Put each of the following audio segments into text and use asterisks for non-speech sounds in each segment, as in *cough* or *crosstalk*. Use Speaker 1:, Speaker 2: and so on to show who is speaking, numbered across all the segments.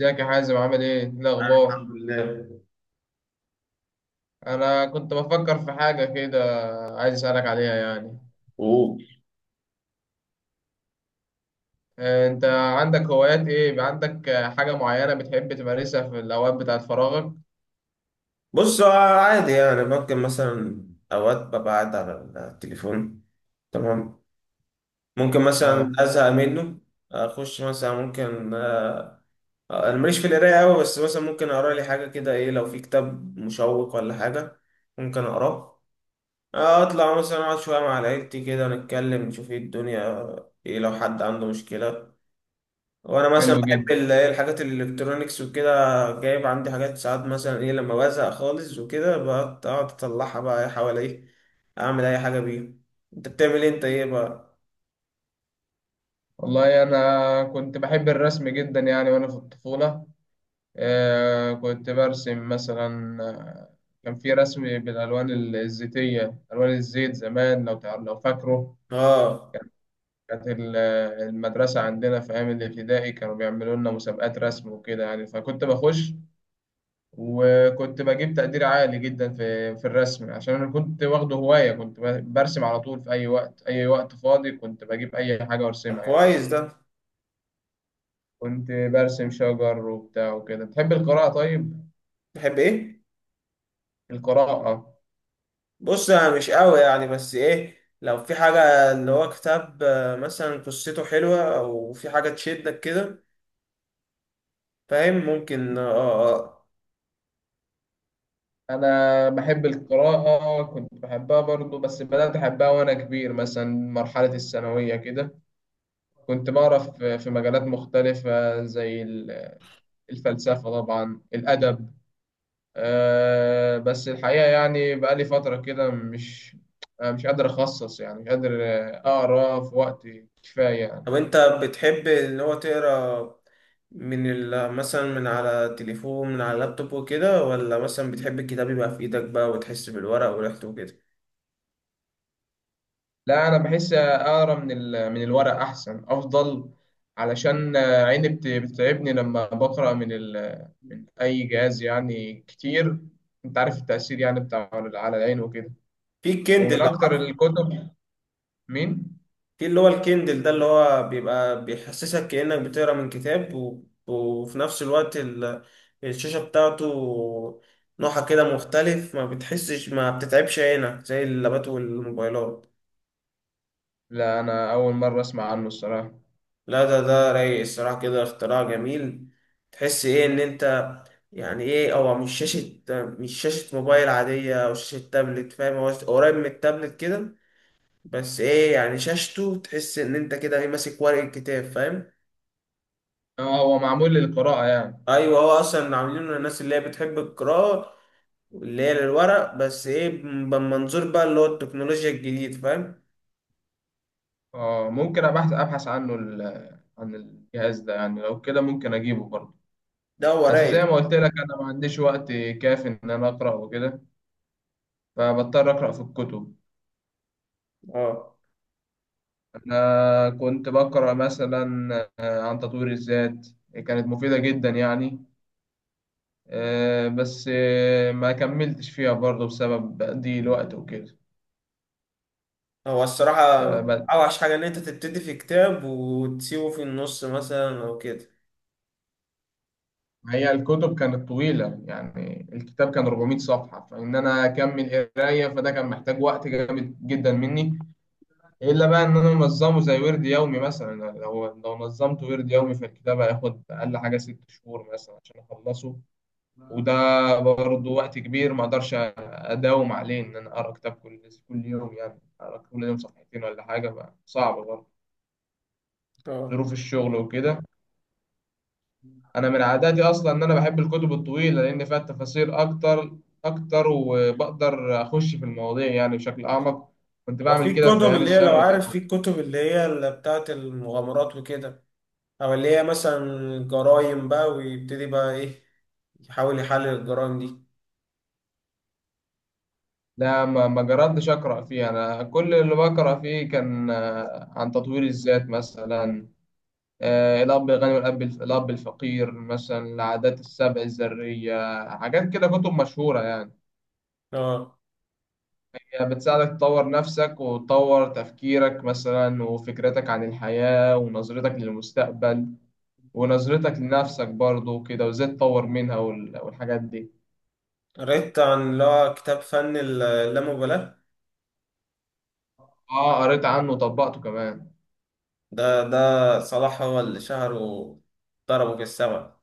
Speaker 1: ازيك يا حازم؟ عامل ايه؟ ايه
Speaker 2: أنا
Speaker 1: الاخبار؟
Speaker 2: الحمد لله.
Speaker 1: انا كنت بفكر في حاجه كده، عايز اسالك عليها يعني.
Speaker 2: أوه.
Speaker 1: انت عندك هوايات ايه؟ يبقى عندك حاجه معينه بتحب تمارسها في الاوقات بتاعت فراغك؟
Speaker 2: بص هو عادي يعني، ممكن مثلا أوقات ببقى قاعد على التليفون. تمام. ممكن مثلا
Speaker 1: اه،
Speaker 2: أزهق منه، أخش مثلا ممكن أنا ماليش في القراية أوي، بس مثلا ممكن أقرأ لي حاجة كده، إيه لو في كتاب مشوق ولا حاجة ممكن أقراه. أطلع مثلا أقعد شوية مع عيلتي كده، نتكلم نشوف إيه الدنيا، إيه لو حد عنده مشكلة. وانا مثلا
Speaker 1: حلو
Speaker 2: بحب
Speaker 1: جدا.
Speaker 2: إيه الحاجات الالكترونيكس وكده. جايب عندي حاجات، ساعات مثلا ايه لما بزهق خالص وكده بقعد أقعد اطلعها بقى إيه حواليه، اعمل اي حاجه بيها. انت بتعمل إيه انت ايه بقى؟
Speaker 1: والله انا كنت بحب الرسم جدا يعني وانا في الطفوله. كنت برسم مثلا. كان في رسم بالالوان الزيتيه، الوان الزيت زمان، لو لو فاكره.
Speaker 2: اه.
Speaker 1: كانت ال- المدرسة عندنا في أيام الابتدائي كانوا بيعملوا لنا مسابقات رسم وكده يعني، فكنت بخش، وكنت بجيب تقدير عالي جدا في في الرسم، عشان أنا كنت واخده هواية، كنت برسم على طول في أي وقت، أي وقت فاضي كنت بجيب أي حاجة
Speaker 2: طب
Speaker 1: وأرسمها يعني.
Speaker 2: كويس ده.
Speaker 1: كنت برسم شجر وبتاع وكده. بتحب القراءة طيب؟
Speaker 2: بحب ايه؟
Speaker 1: القراءة؟
Speaker 2: بص انا مش قوي يعني، بس ايه لو في حاجه اللي هو كتاب، آه، مثلا قصته حلوه او في حاجه تشدك كده، فاهم؟ ممكن اه. آه.
Speaker 1: أنا بحب القراءة، كنت بحبها برضو، بس بدأت أحبها وأنا كبير مثلا مرحلة الثانوية كده. كنت بعرف في مجالات مختلفة زي الفلسفة طبعا، الأدب. بس الحقيقة يعني بقالي فترة كده مش قادر أخصص، يعني مش قادر أقرأ في وقت كفاية
Speaker 2: طب
Speaker 1: يعني.
Speaker 2: انت بتحب اللي هو تقرا مثلا من على التليفون، من على اللابتوب وكده، ولا مثلا بتحب الكتاب يبقى في ايدك بقى وتحس بالورق وريحته وكده؟
Speaker 1: لا أنا بحس أقرأ من من الورق أحسن أفضل، علشان عيني بتتعبني لما بقرأ من من أي جهاز يعني كتير، أنت عارف التأثير يعني بتاع على العين وكده.
Speaker 2: في الكندل
Speaker 1: ومن
Speaker 2: لو
Speaker 1: أكتر
Speaker 2: عارفه.
Speaker 1: الكتب... مين؟
Speaker 2: في اللي هو الكندل ده، اللي هو بيبقى بيحسسك كأنك بتقرا من كتاب، وفي نفس الوقت الشاشة بتاعته نوعها كده مختلف، ما بتحسش ما بتتعبش عينك زي اللابات والموبايلات.
Speaker 1: لا انا اول مره اسمع عنه الصراحه.
Speaker 2: لا ده رايق الصراحة كده، اختراع جميل. تحس ايه ان انت، يعني ايه، هو مش شاشة، مش شاشة موبايل عادية او شاشة تابلت، فاهم؟ هو قريب من التابلت كده، بس ايه يعني شاشته تحس ان انت كده ايه ماسك ورق الكتاب، فاهم؟
Speaker 1: اه، هو معمول للقراءه يعني.
Speaker 2: ايوه، هو اصلا عاملينه للناس اللي هي بتحب القراءة، اللي هي للورق، بس ايه بمنظور بقى اللي هو التكنولوجيا الجديد، فاهم؟
Speaker 1: اه، ممكن ابحث عنه، عن الجهاز ده يعني، لو كده ممكن اجيبه برضه.
Speaker 2: ده هو
Speaker 1: بس زي
Speaker 2: رايق.
Speaker 1: ما قلت لك انا ما عنديش وقت كافي ان انا اقرا وكده، فبضطر اقرا في الكتب.
Speaker 2: اه.
Speaker 1: انا كنت بقرا مثلا عن تطوير الذات، كانت مفيده جدا يعني. آه، بس آه، ما كملتش فيها برضه بسبب ضيق الوقت وكده.
Speaker 2: هو الصراحة
Speaker 1: فما...
Speaker 2: أوحش حاجة إن أنت تبتدي في كتاب وتسيبه في النص مثلا أو كده.
Speaker 1: هي الكتب كانت طويلة يعني، الكتاب كان 400 صفحة، فإن أنا أكمل قراية فده كان محتاج وقت جامد جدا مني، إلا بقى إن أنا منظمه زي ورد يومي مثلا. يعني لو نظمت ورد يومي فالكتاب هياخد أقل حاجة 6 شهور مثلا عشان أخلصه. وده برضه وقت كبير، ما أقدرش أداوم عليه إن أنا أقرأ كتاب كل يوم، يعني أقرأ كل يوم صفحتين ولا حاجة، بقى صعب برضه،
Speaker 2: اه.
Speaker 1: ظروف الشغل وكده. انا من عاداتي اصلا ان انا بحب الكتب الطويله لان فيها تفاصيل اكتر اكتر، وبقدر اخش في المواضيع يعني بشكل اعمق. كنت
Speaker 2: هو في
Speaker 1: بعمل كده في
Speaker 2: كتب
Speaker 1: ايام
Speaker 2: اللي هي لو
Speaker 1: الثانوي زي ما
Speaker 2: عارف، في
Speaker 1: قلت.
Speaker 2: كتب اللي هي اللي بتاعة المغامرات وكده، أو اللي هي مثلا جرايم بقى، ويبتدي بقى إيه يحاول يحلل الجرايم دي.
Speaker 1: لا ما جربتش اقرا فيه، انا كل اللي بقرا فيه كان عن تطوير الذات مثلا. الاب الغني والاب الاب الفقير مثلا، العادات السبع الذريه، حاجات كده كتب مشهوره يعني.
Speaker 2: اه.
Speaker 1: يعني بتساعدك تطور نفسك وتطور تفكيرك مثلا، وفكرتك عن الحياه ونظرتك للمستقبل ونظرتك لنفسك برضه وكده، وازاي تطور منها والحاجات دي.
Speaker 2: قريت عن اللي هو كتاب فن اللامبالاة.
Speaker 1: اه، قريت عنه وطبقته كمان.
Speaker 2: ده صلاح هو اللي شهره، ضربه في السما.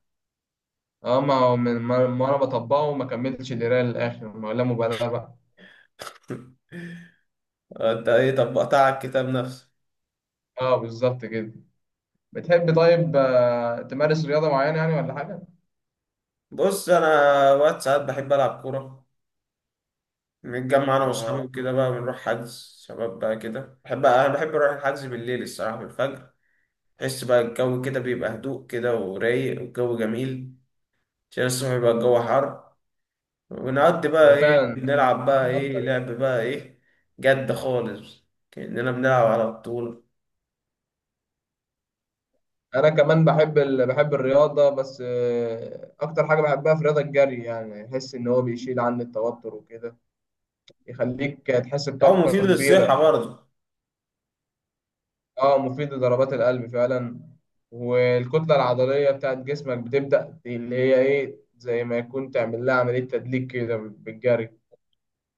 Speaker 1: اه، ما هو من ما انا بطبقه ما كملتش القرايه للاخر، ما لا مبالاه بقى.
Speaker 2: *laughs* انت ايه طبقت على الكتاب نفسه؟
Speaker 1: اه، بالظبط كده. بتحب طيب تمارس رياضه معينه يعني ولا حاجه؟
Speaker 2: بص انا وقت ساعات بحب العب كوره، نتجمع انا
Speaker 1: اه.
Speaker 2: واصحابي وكده بقى، بنروح حجز شباب بقى كده، بحب انا بحب اروح الحجز بالليل الصراحه، بالفجر. تحس بقى الجو كده بيبقى هدوء كده ورايق، والجو جميل، عشان الصبح بيبقى الجو حر. ونقضي بقى
Speaker 1: هو
Speaker 2: ايه،
Speaker 1: فعلا.
Speaker 2: بنلعب
Speaker 1: في
Speaker 2: بقى ايه،
Speaker 1: اكتر يعني.
Speaker 2: لعب بقى ايه، جد خالص، كأننا بنلعب على بطولة.
Speaker 1: انا كمان بحب ال... بحب الرياضه، بس اكتر حاجه بحبها في الرياضه الجري، يعني احس ان هو بيشيل عني التوتر وكده، يخليك تحس
Speaker 2: أو
Speaker 1: بطاقه
Speaker 2: مفيد للصحة
Speaker 1: كبيره.
Speaker 2: برضه.
Speaker 1: اه، مفيد لضربات القلب فعلا، والكتلة العضلية بتاعت جسمك بتبدأ اللي هي ايه، زي ما يكون تعمل لها عملية تدليك كده بالجري.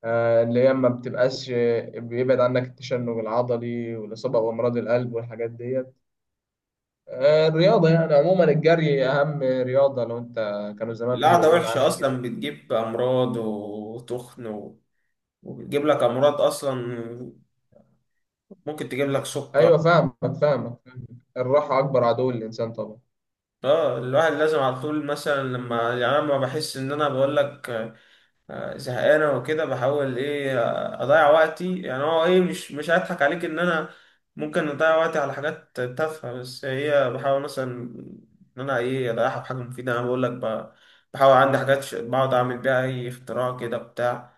Speaker 1: آه، اللي هي ما بتبقاش... بيبعد عنك التشنج العضلي والإصابة بأمراض القلب والحاجات ديت. آه، الرياضة يعني عموما، الجري أهم رياضة لو أنت... كانوا زمان
Speaker 2: القعدة
Speaker 1: بيقولوا لنا
Speaker 2: وحشة
Speaker 1: عنها كده.
Speaker 2: أصلا، بتجيب أمراض وتخن وبتجيب لك أمراض أصلا، ممكن تجيب لك سكر.
Speaker 1: أيوة فاهمك فاهمك. الراحة أكبر عدو للإنسان طبعا.
Speaker 2: اه الواحد لازم على طول مثلا لما يعني، أنا لما بحس ان انا بقول لك، آه، زهقانه وكده، بحاول ايه، آه، اضيع وقتي يعني، هو ايه مش هضحك عليك ان انا ممكن اضيع وقتي على حاجات تافهه، بس هي بحاول مثلا ان انا ايه اضيعها في حاجه مفيده. انا بقول لك بحاول عندي حاجات بقعد اعمل بيها اي اختراع كده بتاع،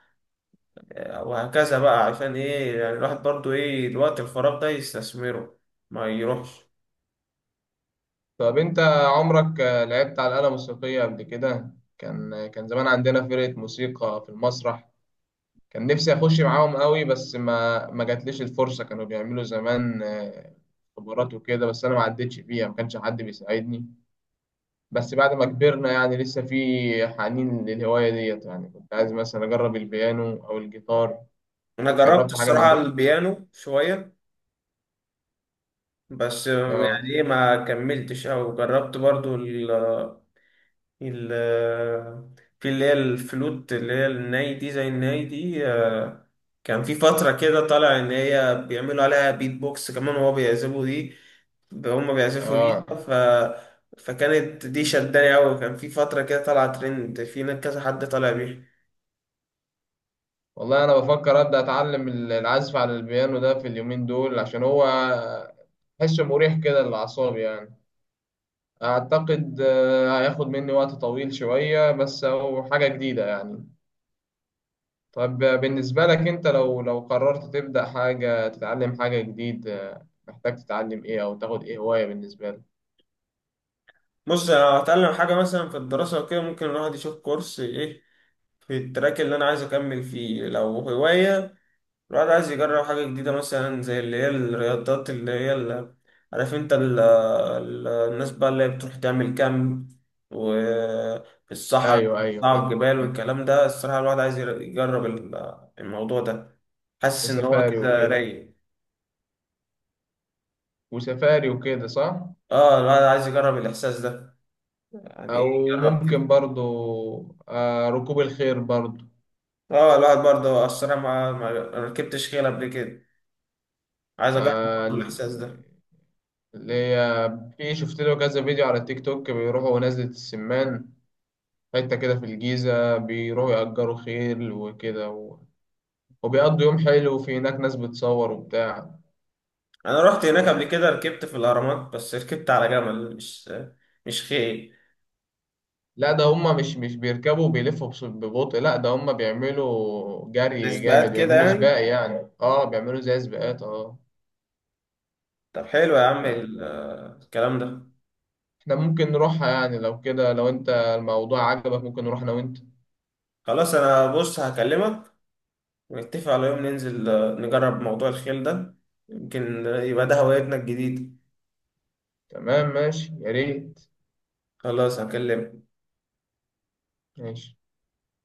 Speaker 2: آه، وهكذا بقى، عشان ايه يعني الواحد برضو ايه الوقت الفراغ ده يستثمره، ما يروحش.
Speaker 1: طب انت عمرك لعبت على آلة موسيقية قبل كده؟ كان... كان زمان عندنا فرقة موسيقى في المسرح، كان نفسي اخش معاهم قوي، بس ما جاتليش الفرصة. كانوا بيعملوا زمان اختبارات وكده، بس انا ما عدتش فيها، ما كانش حد بيساعدني. بس بعد ما كبرنا يعني لسه في حنين للهواية ديت، يعني كنت عايز مثلا اجرب البيانو او الجيتار.
Speaker 2: انا جربت
Speaker 1: جربت حاجة من
Speaker 2: الصراحه
Speaker 1: دول؟
Speaker 2: البيانو شويه، بس
Speaker 1: اه.
Speaker 2: يعني ايه ما كملتش. او جربت برضو ال ال في اللي هي الفلوت، اللي هي الناي دي، زي الناي دي، آه، كان في فترة كده طالع ان هي بيعملوا عليها بيت بوكس كمان وهو بيعزفوا دي، هما بيعزفوا بيها
Speaker 1: اه،
Speaker 2: ف، فكانت دي شداني أوي، كان في فترة كده طالعة ترند، في ناس كذا حد طالع بيها.
Speaker 1: والله انا بفكر ابدا اتعلم العزف على البيانو ده في اليومين دول، عشان هو حسه مريح كده للاعصاب يعني. اعتقد هياخد مني وقت طويل شوية، بس هو حاجة جديدة يعني. طب بالنسبة لك انت، لو قررت تبدا حاجة، تتعلم حاجة جديد، محتاج تتعلم ايه او تاخد ايه هواية بالنسبة لك؟
Speaker 2: بص لو هتعلم حاجة مثلا في الدراسة وكده، ممكن الواحد يشوف كورس ايه في التراك اللي أنا عايز أكمل فيه. لو هواية الواحد عايز يجرب حاجة جديدة، مثلا زي اللي هي الرياضات، اللي هي اللي عارف انت، ال ال الناس بقى اللي هي بتروح تعمل كامب وفي الصحراء،
Speaker 1: ايوه ايوه
Speaker 2: وتطلعوا
Speaker 1: فاهم.
Speaker 2: الجبال والكلام ده، الصراحة الواحد عايز يجرب الموضوع ده. حاسس ان هو
Speaker 1: وسفاري
Speaker 2: كده
Speaker 1: وكده.
Speaker 2: رايق.
Speaker 1: وسفاري وكده صح.
Speaker 2: اه الواحد عايز يجرب الإحساس ده، يعني ايه
Speaker 1: او
Speaker 2: يجرب كده.
Speaker 1: ممكن برضو ركوب الخيل برضو.
Speaker 2: اه الواحد برضه الصراحة ما ركبتش خيل قبل كده، عايز اجرب برضه
Speaker 1: آه،
Speaker 2: الإحساس ده.
Speaker 1: اللي هي في، شفت له كذا فيديو على التيك توك بيروحوا نزلة السمان، حتة كده في الجيزة بيروحوا يأجروا خيل وكده و... وبيقضوا يوم حلو، وفي هناك ناس بتصور وبتاع.
Speaker 2: انا رحت هناك قبل كده، ركبت في الأهرامات، بس ركبت على جمل، مش خيل.
Speaker 1: لا ده هما مش بيركبوا وبيلفوا ببطء، لا ده هما بيعملوا جري جامد،
Speaker 2: نسبات كده
Speaker 1: بيعملوا
Speaker 2: يعني.
Speaker 1: سباق يعني، اه بيعملوا زي سباقات. اه،
Speaker 2: طب حلو يا عم
Speaker 1: ف-
Speaker 2: الكلام ده.
Speaker 1: احنا ممكن نروحها يعني، لو كده لو انت الموضوع عجبك ممكن نروح انا وانت.
Speaker 2: خلاص انا بص هكلمك ونتفق على يوم ننزل، آه، نجرب موضوع الخيل ده، يمكن يبقى ده هوايتنا الجديدة.
Speaker 1: تمام ماشي، يا ريت.
Speaker 2: خلاص هكلمك.
Speaker 1: ماشي.